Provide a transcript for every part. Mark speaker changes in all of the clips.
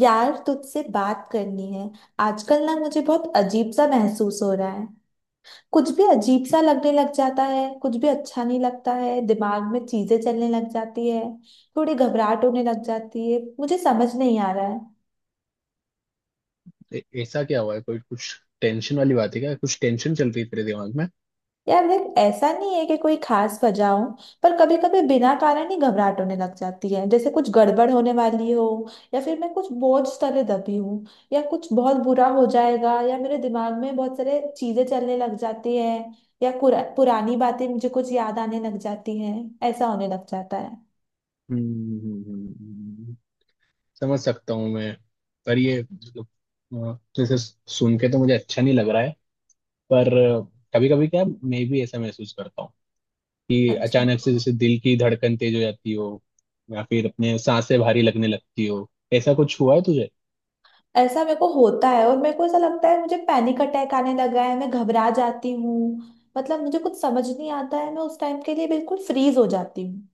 Speaker 1: यार तुझसे बात करनी है। आजकल ना मुझे बहुत अजीब सा महसूस हो रहा है। कुछ भी अजीब सा लगने लग जाता है, कुछ भी अच्छा नहीं लगता है, दिमाग में चीजें चलने लग जाती है। थोड़ी घबराहट होने लग जाती है, मुझे समझ नहीं आ रहा है।
Speaker 2: ऐसा क्या हुआ है? कोई कुछ टेंशन वाली बात है क्या? कुछ टेंशन चल रही है तेरे दिमाग में?
Speaker 1: यार देख, ऐसा नहीं है कि कोई खास वजह हो, पर कभी कभी बिना कारण ही घबराहट होने लग जाती है, जैसे कुछ गड़बड़ होने वाली हो, या फिर मैं कुछ बोझ तले दबी हूँ, या कुछ बहुत बुरा हो जाएगा, या मेरे दिमाग में बहुत सारे चीजें चलने लग जाती है, या पुरानी बातें मुझे कुछ याद आने लग जाती हैं, ऐसा होने लग जाता है।
Speaker 2: हम्म, हम्म, हम्म, समझ सकता हूँ मैं। पर ये मतलब जैसे सुन के तो मुझे अच्छा नहीं लग रहा है। पर कभी कभी क्या मैं भी ऐसा महसूस करता हूँ कि
Speaker 1: अच्छा।
Speaker 2: अचानक से जैसे दिल की धड़कन तेज हो जाती हो, या फिर अपने सांसें भारी लगने लगती हो? ऐसा कुछ हुआ है तुझे?
Speaker 1: ऐसा मेरे को होता है और मेरे को ऐसा लगता है मुझे पैनिक अटैक आने लगा है, मैं घबरा जाती हूँ। मतलब मुझे कुछ समझ नहीं आता है, मैं उस टाइम के लिए बिल्कुल फ्रीज हो जाती हूँ।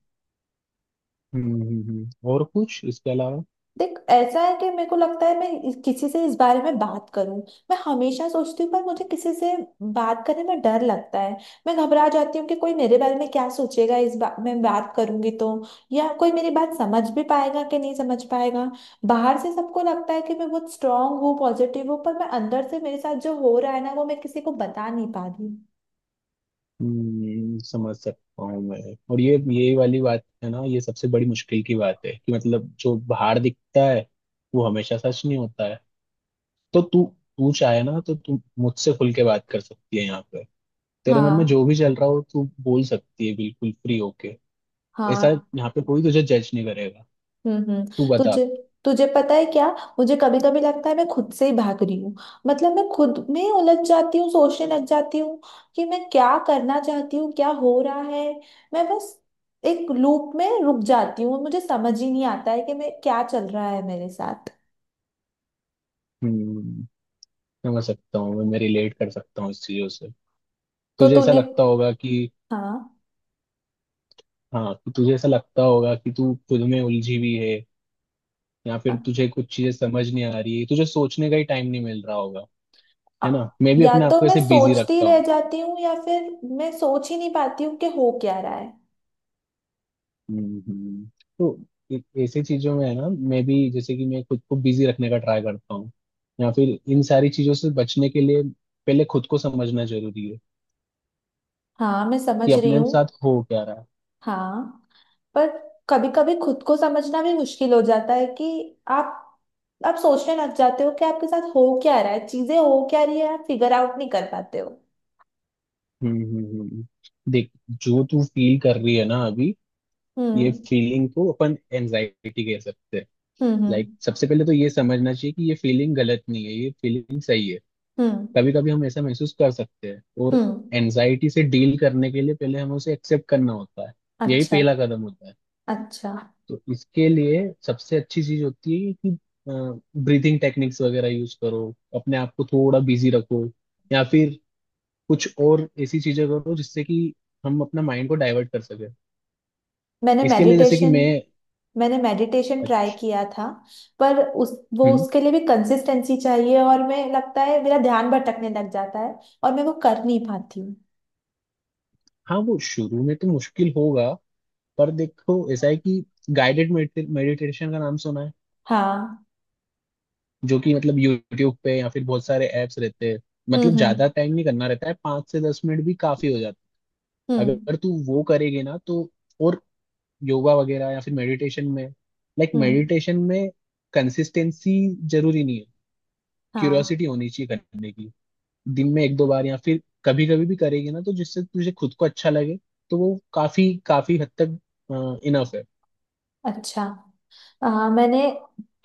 Speaker 2: हम्म, और कुछ इसके अलावा?
Speaker 1: देख, ऐसा है कि मेरे को लगता है मैं किसी से इस बारे में बात करूं। मैं हमेशा सोचती हूँ, पर मुझे किसी से बात करने में डर लगता है। मैं घबरा जाती हूँ कि कोई मेरे बारे में क्या सोचेगा, इस बात मैं बात करूंगी तो, या कोई मेरी बात समझ भी पाएगा कि नहीं समझ पाएगा। बाहर से सबको लगता है कि मैं बहुत स्ट्रांग हूँ, पॉजिटिव हूँ, पर मैं अंदर से मेरे साथ जो हो रहा है ना वो मैं किसी को बता नहीं पा रही हूँ।
Speaker 2: समझ सकता हूँ मैं। और ये वाली बात है ना, ये सबसे बड़ी मुश्किल की बात है कि मतलब जो बाहर दिखता है वो हमेशा सच नहीं होता है। तो तू तू चाहे ना तो तू मुझसे खुल के बात कर सकती है यहाँ पे। तेरे मन में
Speaker 1: हाँ।
Speaker 2: जो भी चल रहा हो तू बोल सकती है बिल्कुल फ्री होके। ऐसा,
Speaker 1: हाँ।
Speaker 2: यहाँ पे कोई तुझे जज नहीं करेगा।
Speaker 1: हम्म, हम्म।
Speaker 2: तू बता।
Speaker 1: तुझे तुझे पता है क्या, मुझे कभी कभी लगता है मैं खुद से ही भाग रही हूँ। मतलब मैं खुद में उलझ जाती हूँ, सोचने लग जाती हूँ कि मैं क्या करना चाहती हूँ, क्या हो रहा है। मैं बस एक लूप में रुक जाती हूँ, मुझे समझ ही नहीं आता है कि मैं क्या चल रहा है मेरे साथ।
Speaker 2: हम्म, समझ सकता हूँ मैं रिलेट कर सकता हूँ इस चीजों से।
Speaker 1: तो
Speaker 2: तुझे ऐसा
Speaker 1: तूने।
Speaker 2: लगता होगा कि,
Speaker 1: हाँ।
Speaker 2: हाँ, कि तुझे ऐसा लगता होगा कि तू खुद में उलझी हुई है। या फिर
Speaker 1: हाँ।
Speaker 2: तुझे कुछ चीजें समझ नहीं आ रही, तुझे सोचने का ही टाइम नहीं मिल रहा होगा।
Speaker 1: आ-
Speaker 2: है ना, मैं भी
Speaker 1: या
Speaker 2: अपने आप
Speaker 1: तो
Speaker 2: को
Speaker 1: मैं
Speaker 2: ऐसे बिजी
Speaker 1: सोचती
Speaker 2: रखता
Speaker 1: रह
Speaker 2: हूँ।
Speaker 1: जाती हूँ, या फिर मैं सोच ही नहीं पाती हूँ कि हो क्या रहा है।
Speaker 2: हम्म, तो ऐसी चीजों में है ना, मैं भी जैसे कि मैं खुद को बिजी रखने का ट्राई करता हूँ। या फिर इन सारी चीजों से बचने के लिए पहले खुद को समझना जरूरी है
Speaker 1: हाँ, मैं
Speaker 2: कि
Speaker 1: समझ रही
Speaker 2: अपने
Speaker 1: हूँ।
Speaker 2: साथ हो क्या रहा है।
Speaker 1: हाँ। पर कभी कभी खुद को समझना भी मुश्किल हो जाता है कि आप आप सोचने लग जाते हो कि आपके साथ हो क्या रहा है, चीजें हो क्या रही है, आप फिगर आउट नहीं कर पाते हो।
Speaker 2: हम्म, देख, जो तू फील कर रही है ना अभी, ये
Speaker 1: हम्म,
Speaker 2: फीलिंग को अपन एनजाइटी कह सकते हैं।
Speaker 1: हम्म,
Speaker 2: लाइक
Speaker 1: हम्म,
Speaker 2: सबसे पहले तो ये समझना चाहिए कि ये फीलिंग गलत नहीं है, ये फीलिंग सही है।
Speaker 1: हम्म,
Speaker 2: कभी कभी हम ऐसा महसूस कर सकते हैं। और
Speaker 1: हम्म।
Speaker 2: एनजाइटी से डील करने के लिए पहले हमें उसे एक्सेप्ट करना होता है। यही
Speaker 1: अच्छा।
Speaker 2: पहला कदम होता है।
Speaker 1: अच्छा।
Speaker 2: तो इसके लिए सबसे अच्छी चीज होती है कि ब्रीदिंग टेक्निक्स वगैरह यूज करो, अपने आप को थोड़ा बिजी रखो, या फिर कुछ और ऐसी चीजें करो जिससे कि हम अपना माइंड को डाइवर्ट कर सके।
Speaker 1: मैंने
Speaker 2: इसके लिए जैसे कि
Speaker 1: मेडिटेशन
Speaker 2: मैं,
Speaker 1: मैंने मेडिटेशन ट्राई
Speaker 2: अच्छा,
Speaker 1: किया था। पर उस वो
Speaker 2: हम्म,
Speaker 1: उसके लिए भी कंसिस्टेंसी चाहिए, और मैं, लगता है मेरा ध्यान भटकने लग जाता है, और मैं वो कर नहीं पाती हूँ।
Speaker 2: हाँ, वो शुरू में तो मुश्किल होगा। पर देखो ऐसा है कि गाइडेड मेडिटेशन का नाम सुना है?
Speaker 1: हाँ।
Speaker 2: जो कि मतलब यूट्यूब पे या फिर बहुत सारे ऐप्स रहते हैं। मतलब
Speaker 1: हम्म, हम्म,
Speaker 2: ज्यादा टाइम नहीं करना रहता है, 5 से 10 मिनट भी काफी हो जाता है
Speaker 1: हम्म,
Speaker 2: अगर तू वो करेगी ना तो। और योगा वगैरह या फिर मेडिटेशन में, लाइक
Speaker 1: हम्म।
Speaker 2: मेडिटेशन में कंसिस्टेंसी जरूरी नहीं है।
Speaker 1: हाँ।
Speaker 2: क्यूरियोसिटी होनी चाहिए करने की। दिन में एक दो बार या फिर कभी कभी भी करेगी ना तो, जिससे तुझे खुद को अच्छा लगे तो वो काफी काफी हद तक इनफ है।
Speaker 1: अच्छा। मैंने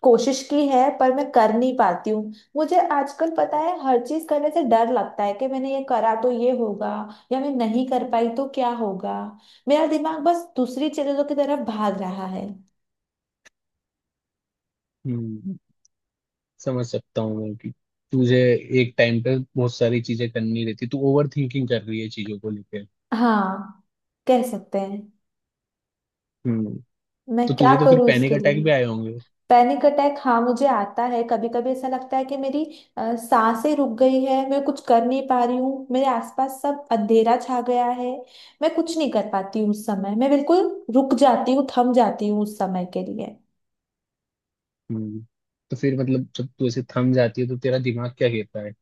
Speaker 1: कोशिश की है पर मैं कर नहीं पाती हूँ। मुझे आजकल पता है हर चीज करने से डर लगता है कि मैंने ये करा तो ये होगा, या मैं नहीं कर पाई तो क्या होगा। मेरा दिमाग बस दूसरी चीजों की तरफ भाग रहा है।
Speaker 2: हम्म, समझ सकता हूँ मैं कि तुझे एक टाइम पे बहुत सारी चीजें करनी रहती, तू ओवर थिंकिंग कर रही है चीजों को लेकर।
Speaker 1: हाँ, कह सकते हैं।
Speaker 2: हम्म।
Speaker 1: मैं
Speaker 2: तो
Speaker 1: क्या
Speaker 2: तुझे तो फिर
Speaker 1: करूँ
Speaker 2: पैनिक
Speaker 1: इसके लिए?
Speaker 2: अटैक भी आए होंगे।
Speaker 1: पैनिक अटैक हाँ मुझे आता है, कभी कभी ऐसा लगता है कि मेरी सांसें रुक गई है, मैं कुछ कर नहीं पा रही हूँ, मेरे आसपास सब अंधेरा छा गया है। मैं कुछ नहीं कर पाती हूँ उस समय, मैं बिल्कुल रुक जाती हूँ, थम जाती हूँ उस समय के लिए।
Speaker 2: हम्म। तो फिर मतलब जब तू ऐसे थम जाती है तो तेरा दिमाग क्या कहता है?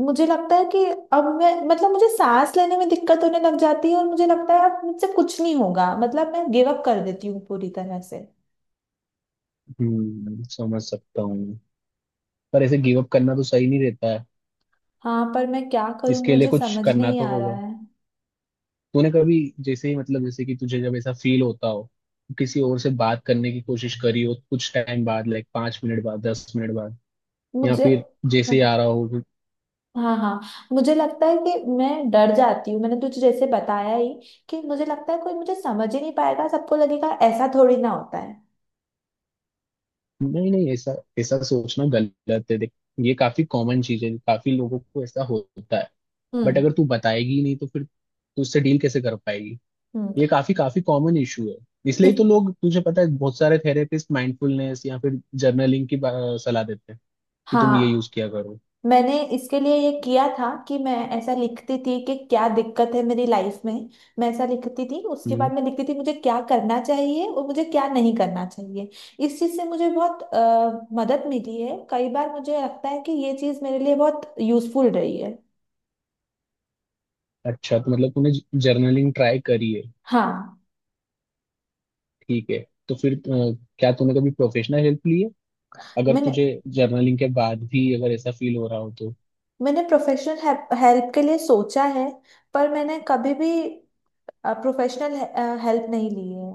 Speaker 1: मुझे लगता है कि अब मैं, मतलब मुझे सांस लेने में दिक्कत होने लग जाती है, और मुझे लगता है अब मुझसे कुछ नहीं होगा, मतलब मैं गिव अप कर देती हूँ पूरी तरह से।
Speaker 2: हम्म, समझ सकता हूँ मैं। पर ऐसे गिव अप करना तो सही नहीं रहता है।
Speaker 1: हाँ पर मैं क्या करूँ,
Speaker 2: इसके लिए
Speaker 1: मुझे
Speaker 2: कुछ
Speaker 1: समझ
Speaker 2: करना
Speaker 1: नहीं
Speaker 2: तो
Speaker 1: आ रहा
Speaker 2: होगा।
Speaker 1: है।
Speaker 2: तूने कभी, जैसे ही मतलब जैसे कि तुझे जब ऐसा फील होता हो, किसी और से बात करने की कोशिश करी हो कुछ टाइम बाद, लाइक 5 मिनट बाद, 10 मिनट बाद, या
Speaker 1: मुझे
Speaker 2: फिर जैसे
Speaker 1: हाँ।
Speaker 2: ही आ रहा हो?
Speaker 1: हाँ। हाँ। मुझे लगता है कि मैं डर जाती हूँ, मैंने तुझे जैसे बताया ही कि मुझे लगता है कोई मुझे समझ ही नहीं पाएगा, सबको लगेगा ऐसा थोड़ी ना होता है।
Speaker 2: नहीं, नहीं, ऐसा ऐसा सोचना गलत है, देख। ये काफी कॉमन चीज है, काफी लोगों को ऐसा होता है। बट
Speaker 1: हम्म,
Speaker 2: अगर तू बताएगी ही नहीं तो फिर तू उससे डील कैसे कर पाएगी?
Speaker 1: हम्म।
Speaker 2: ये काफी काफी कॉमन इशू है। इसलिए
Speaker 1: इस
Speaker 2: तो लोग, तुझे पता है, बहुत सारे थेरेपिस्ट माइंडफुलनेस या फिर जर्नलिंग की सलाह देते हैं कि तुम ये यूज
Speaker 1: हाँ।
Speaker 2: किया करो।
Speaker 1: मैंने इसके लिए ये किया था कि मैं ऐसा लिखती थी कि क्या दिक्कत है मेरी लाइफ में। मैं ऐसा लिखती थी, उसके
Speaker 2: हम्म।
Speaker 1: बाद मैं लिखती थी मुझे क्या करना चाहिए और मुझे क्या नहीं करना चाहिए। इस चीज़ से मुझे बहुत मदद मिली है, कई बार मुझे लगता है कि ये चीज़ मेरे लिए बहुत यूजफुल रही है।
Speaker 2: अच्छा, तो मतलब तूने जर्नलिंग ट्राई करी है।
Speaker 1: हाँ।
Speaker 2: ठीक है। तो फिर क्या तूने कभी प्रोफेशनल हेल्प ली है, अगर
Speaker 1: मैंने
Speaker 2: तुझे जर्नलिंग के बाद भी अगर ऐसा फील हो रहा हो तो।
Speaker 1: मैंने प्रोफेशनल हेल्प के लिए सोचा है, पर मैंने कभी भी प्रोफेशनल हेल्प नहीं ली है।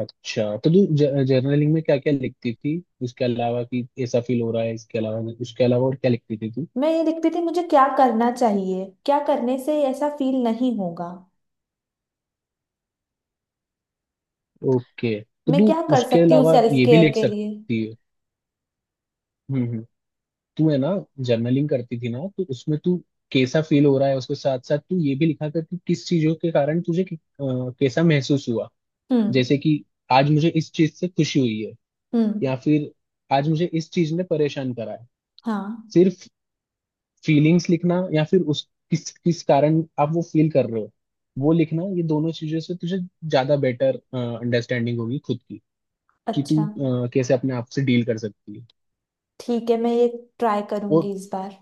Speaker 2: अच्छा, तो तू जर्नलिंग में क्या क्या लिखती थी इसके अलावा कि ऐसा फील हो रहा है? इसके अलावा, उसके अलावा और क्या लिखती थी तू?
Speaker 1: मैं ये लिखती थी मुझे क्या करना चाहिए, क्या करने से ऐसा फील नहीं होगा।
Speaker 2: ओके। तो
Speaker 1: मैं
Speaker 2: तू
Speaker 1: क्या कर
Speaker 2: उसके
Speaker 1: सकती हूँ
Speaker 2: अलावा
Speaker 1: सेल्फ
Speaker 2: ये भी
Speaker 1: केयर
Speaker 2: लिख
Speaker 1: के लिए।
Speaker 2: सकती है। हम्म, तू है ना जर्नलिंग करती थी ना, तो उसमें तू कैसा फील हो रहा है उसके साथ साथ तू ये भी लिखा कर कि किस चीजों के कारण तुझे कैसा महसूस हुआ।
Speaker 1: हम्म,
Speaker 2: जैसे कि आज मुझे इस चीज से खुशी हुई है,
Speaker 1: हम्म।
Speaker 2: या फिर आज मुझे इस चीज ने परेशान करा है।
Speaker 1: हाँ।
Speaker 2: सिर्फ फीलिंग्स लिखना या फिर उस, किस किस कारण आप वो फील कर रहे हो वो लिखना, ये दोनों चीजों से तुझे ज्यादा बेटर अंडरस्टैंडिंग होगी खुद की, कि तू
Speaker 1: अच्छा।
Speaker 2: कैसे अपने आप से डील कर सकती है।
Speaker 1: ठीक है, मैं ये ट्राई करूंगी
Speaker 2: और,
Speaker 1: इस बार।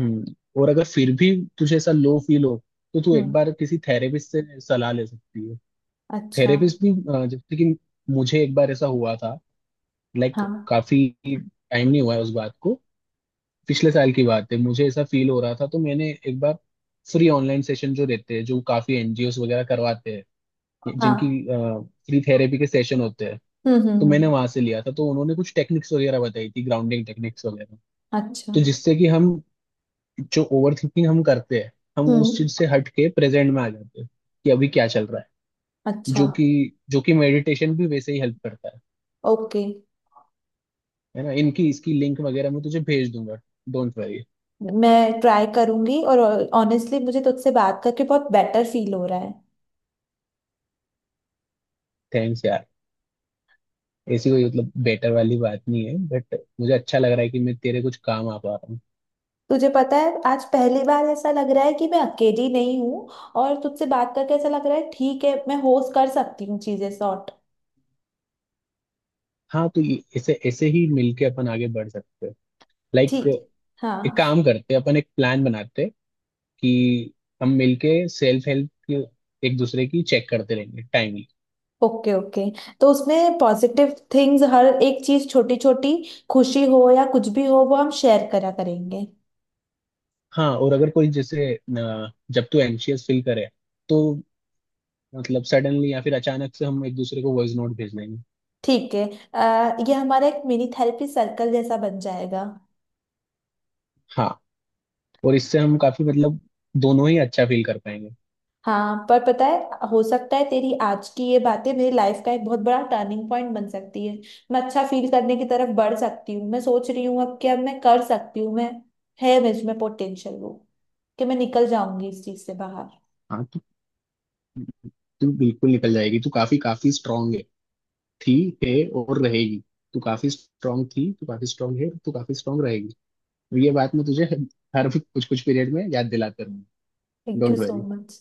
Speaker 2: हम्म, और अगर फिर भी तुझे ऐसा लो फील हो, तो तू एक
Speaker 1: हम्म।
Speaker 2: बार किसी थेरेपिस्ट से सलाह ले सकती है।
Speaker 1: अच्छा।
Speaker 2: थेरेपिस्ट भी जैसे कि मुझे एक बार ऐसा हुआ था, लाइक
Speaker 1: हाँ।
Speaker 2: काफी टाइम नहीं हुआ है उस बात को। पिछले साल की बात है, मुझे ऐसा फील हो रहा था तो मैंने एक बार फ्री ऑनलाइन सेशन, जो रहते हैं जो काफी एनजीओस वगैरह करवाते हैं, जिनकी
Speaker 1: हाँ।
Speaker 2: फ्री थेरेपी के सेशन होते हैं।
Speaker 1: हम्म, हम्म,
Speaker 2: तो
Speaker 1: हम्म।
Speaker 2: मैंने वहां से लिया था, तो उन्होंने कुछ टेक्निक्स वगैरह बताई थी, ग्राउंडिंग टेक्निक्स वगैरह।
Speaker 1: अच्छा।
Speaker 2: तो जिससे कि हम, जो ओवर थिंकिंग हम करते हैं, हम
Speaker 1: हम्म।
Speaker 2: उस चीज से हट के प्रेजेंट में आ जाते हैं कि अभी क्या चल रहा है।
Speaker 1: अच्छा।
Speaker 2: जो कि जो कि मेडिटेशन भी वैसे ही हेल्प करता है।
Speaker 1: ओके।
Speaker 2: है ना। इनकी, इसकी लिंक वगैरह मैं तुझे भेज दूंगा। Don't worry.
Speaker 1: मैं ट्राई करूंगी, और ऑनेस्टली मुझे तुझसे बात करके बहुत बेटर फील हो रहा है।
Speaker 2: थैंक्स यार। ऐसी कोई मतलब बेटर वाली बात नहीं है, बट मुझे अच्छा लग रहा है कि मैं तेरे कुछ काम आ पा रहा हूँ।
Speaker 1: तुझे पता है आज पहली बार ऐसा लग रहा है कि मैं अकेली नहीं हूँ, और तुझसे बात करके ऐसा लग रहा है ठीक है, मैं होस्ट कर सकती हूँ चीजें सॉर्ट।
Speaker 2: हाँ तो ऐसे ऐसे ही मिलके अपन आगे बढ़ सकते हैं, लाइक।
Speaker 1: ठीक।
Speaker 2: एक
Speaker 1: हाँ।
Speaker 2: काम करते हैं, अपन एक प्लान बनाते हैं कि हम मिलके सेल्फ हेल्प की, एक दूसरे की चेक करते रहेंगे टाइमली।
Speaker 1: Okay, okay. तो उसमें पॉजिटिव थिंग्स, हर एक चीज, छोटी छोटी खुशी हो या कुछ भी हो, वो हम शेयर करा करेंगे।
Speaker 2: हाँ। और अगर कोई जैसे, जब तू एंशियस फील करे तो मतलब सडनली या फिर अचानक से हम एक दूसरे को वॉइस नोट भेज देंगे।
Speaker 1: ठीक है। ये हमारा एक मिनी थेरेपी सर्कल जैसा बन जाएगा।
Speaker 2: हाँ। और इससे हम काफी मतलब, दोनों ही अच्छा फील कर पाएंगे।
Speaker 1: हाँ पर पता है हो सकता है तेरी आज की ये बातें मेरी लाइफ का एक बहुत बड़ा टर्निंग पॉइंट बन सकती है। मैं अच्छा फील करने की तरफ बढ़ सकती हूँ, मैं सोच रही हूँ अब कि अब मैं कर सकती हूँ, मैं, है मुझ में पोटेंशियल वो, कि मैं निकल जाऊंगी इस चीज से बाहर।
Speaker 2: हाँ। तू बिल्कुल निकल जाएगी। तू काफी काफी स्ट्रांग है, थी, है, और रहेगी। तू काफी स्ट्रांग थी, तू काफी स्ट्रांग है, तू काफी स्ट्रांग रहेगी। ये बात मैं तुझे हर कुछ कुछ पीरियड में याद दिलाता रहूंगा।
Speaker 1: Thank you
Speaker 2: don't
Speaker 1: so
Speaker 2: worry.
Speaker 1: Much.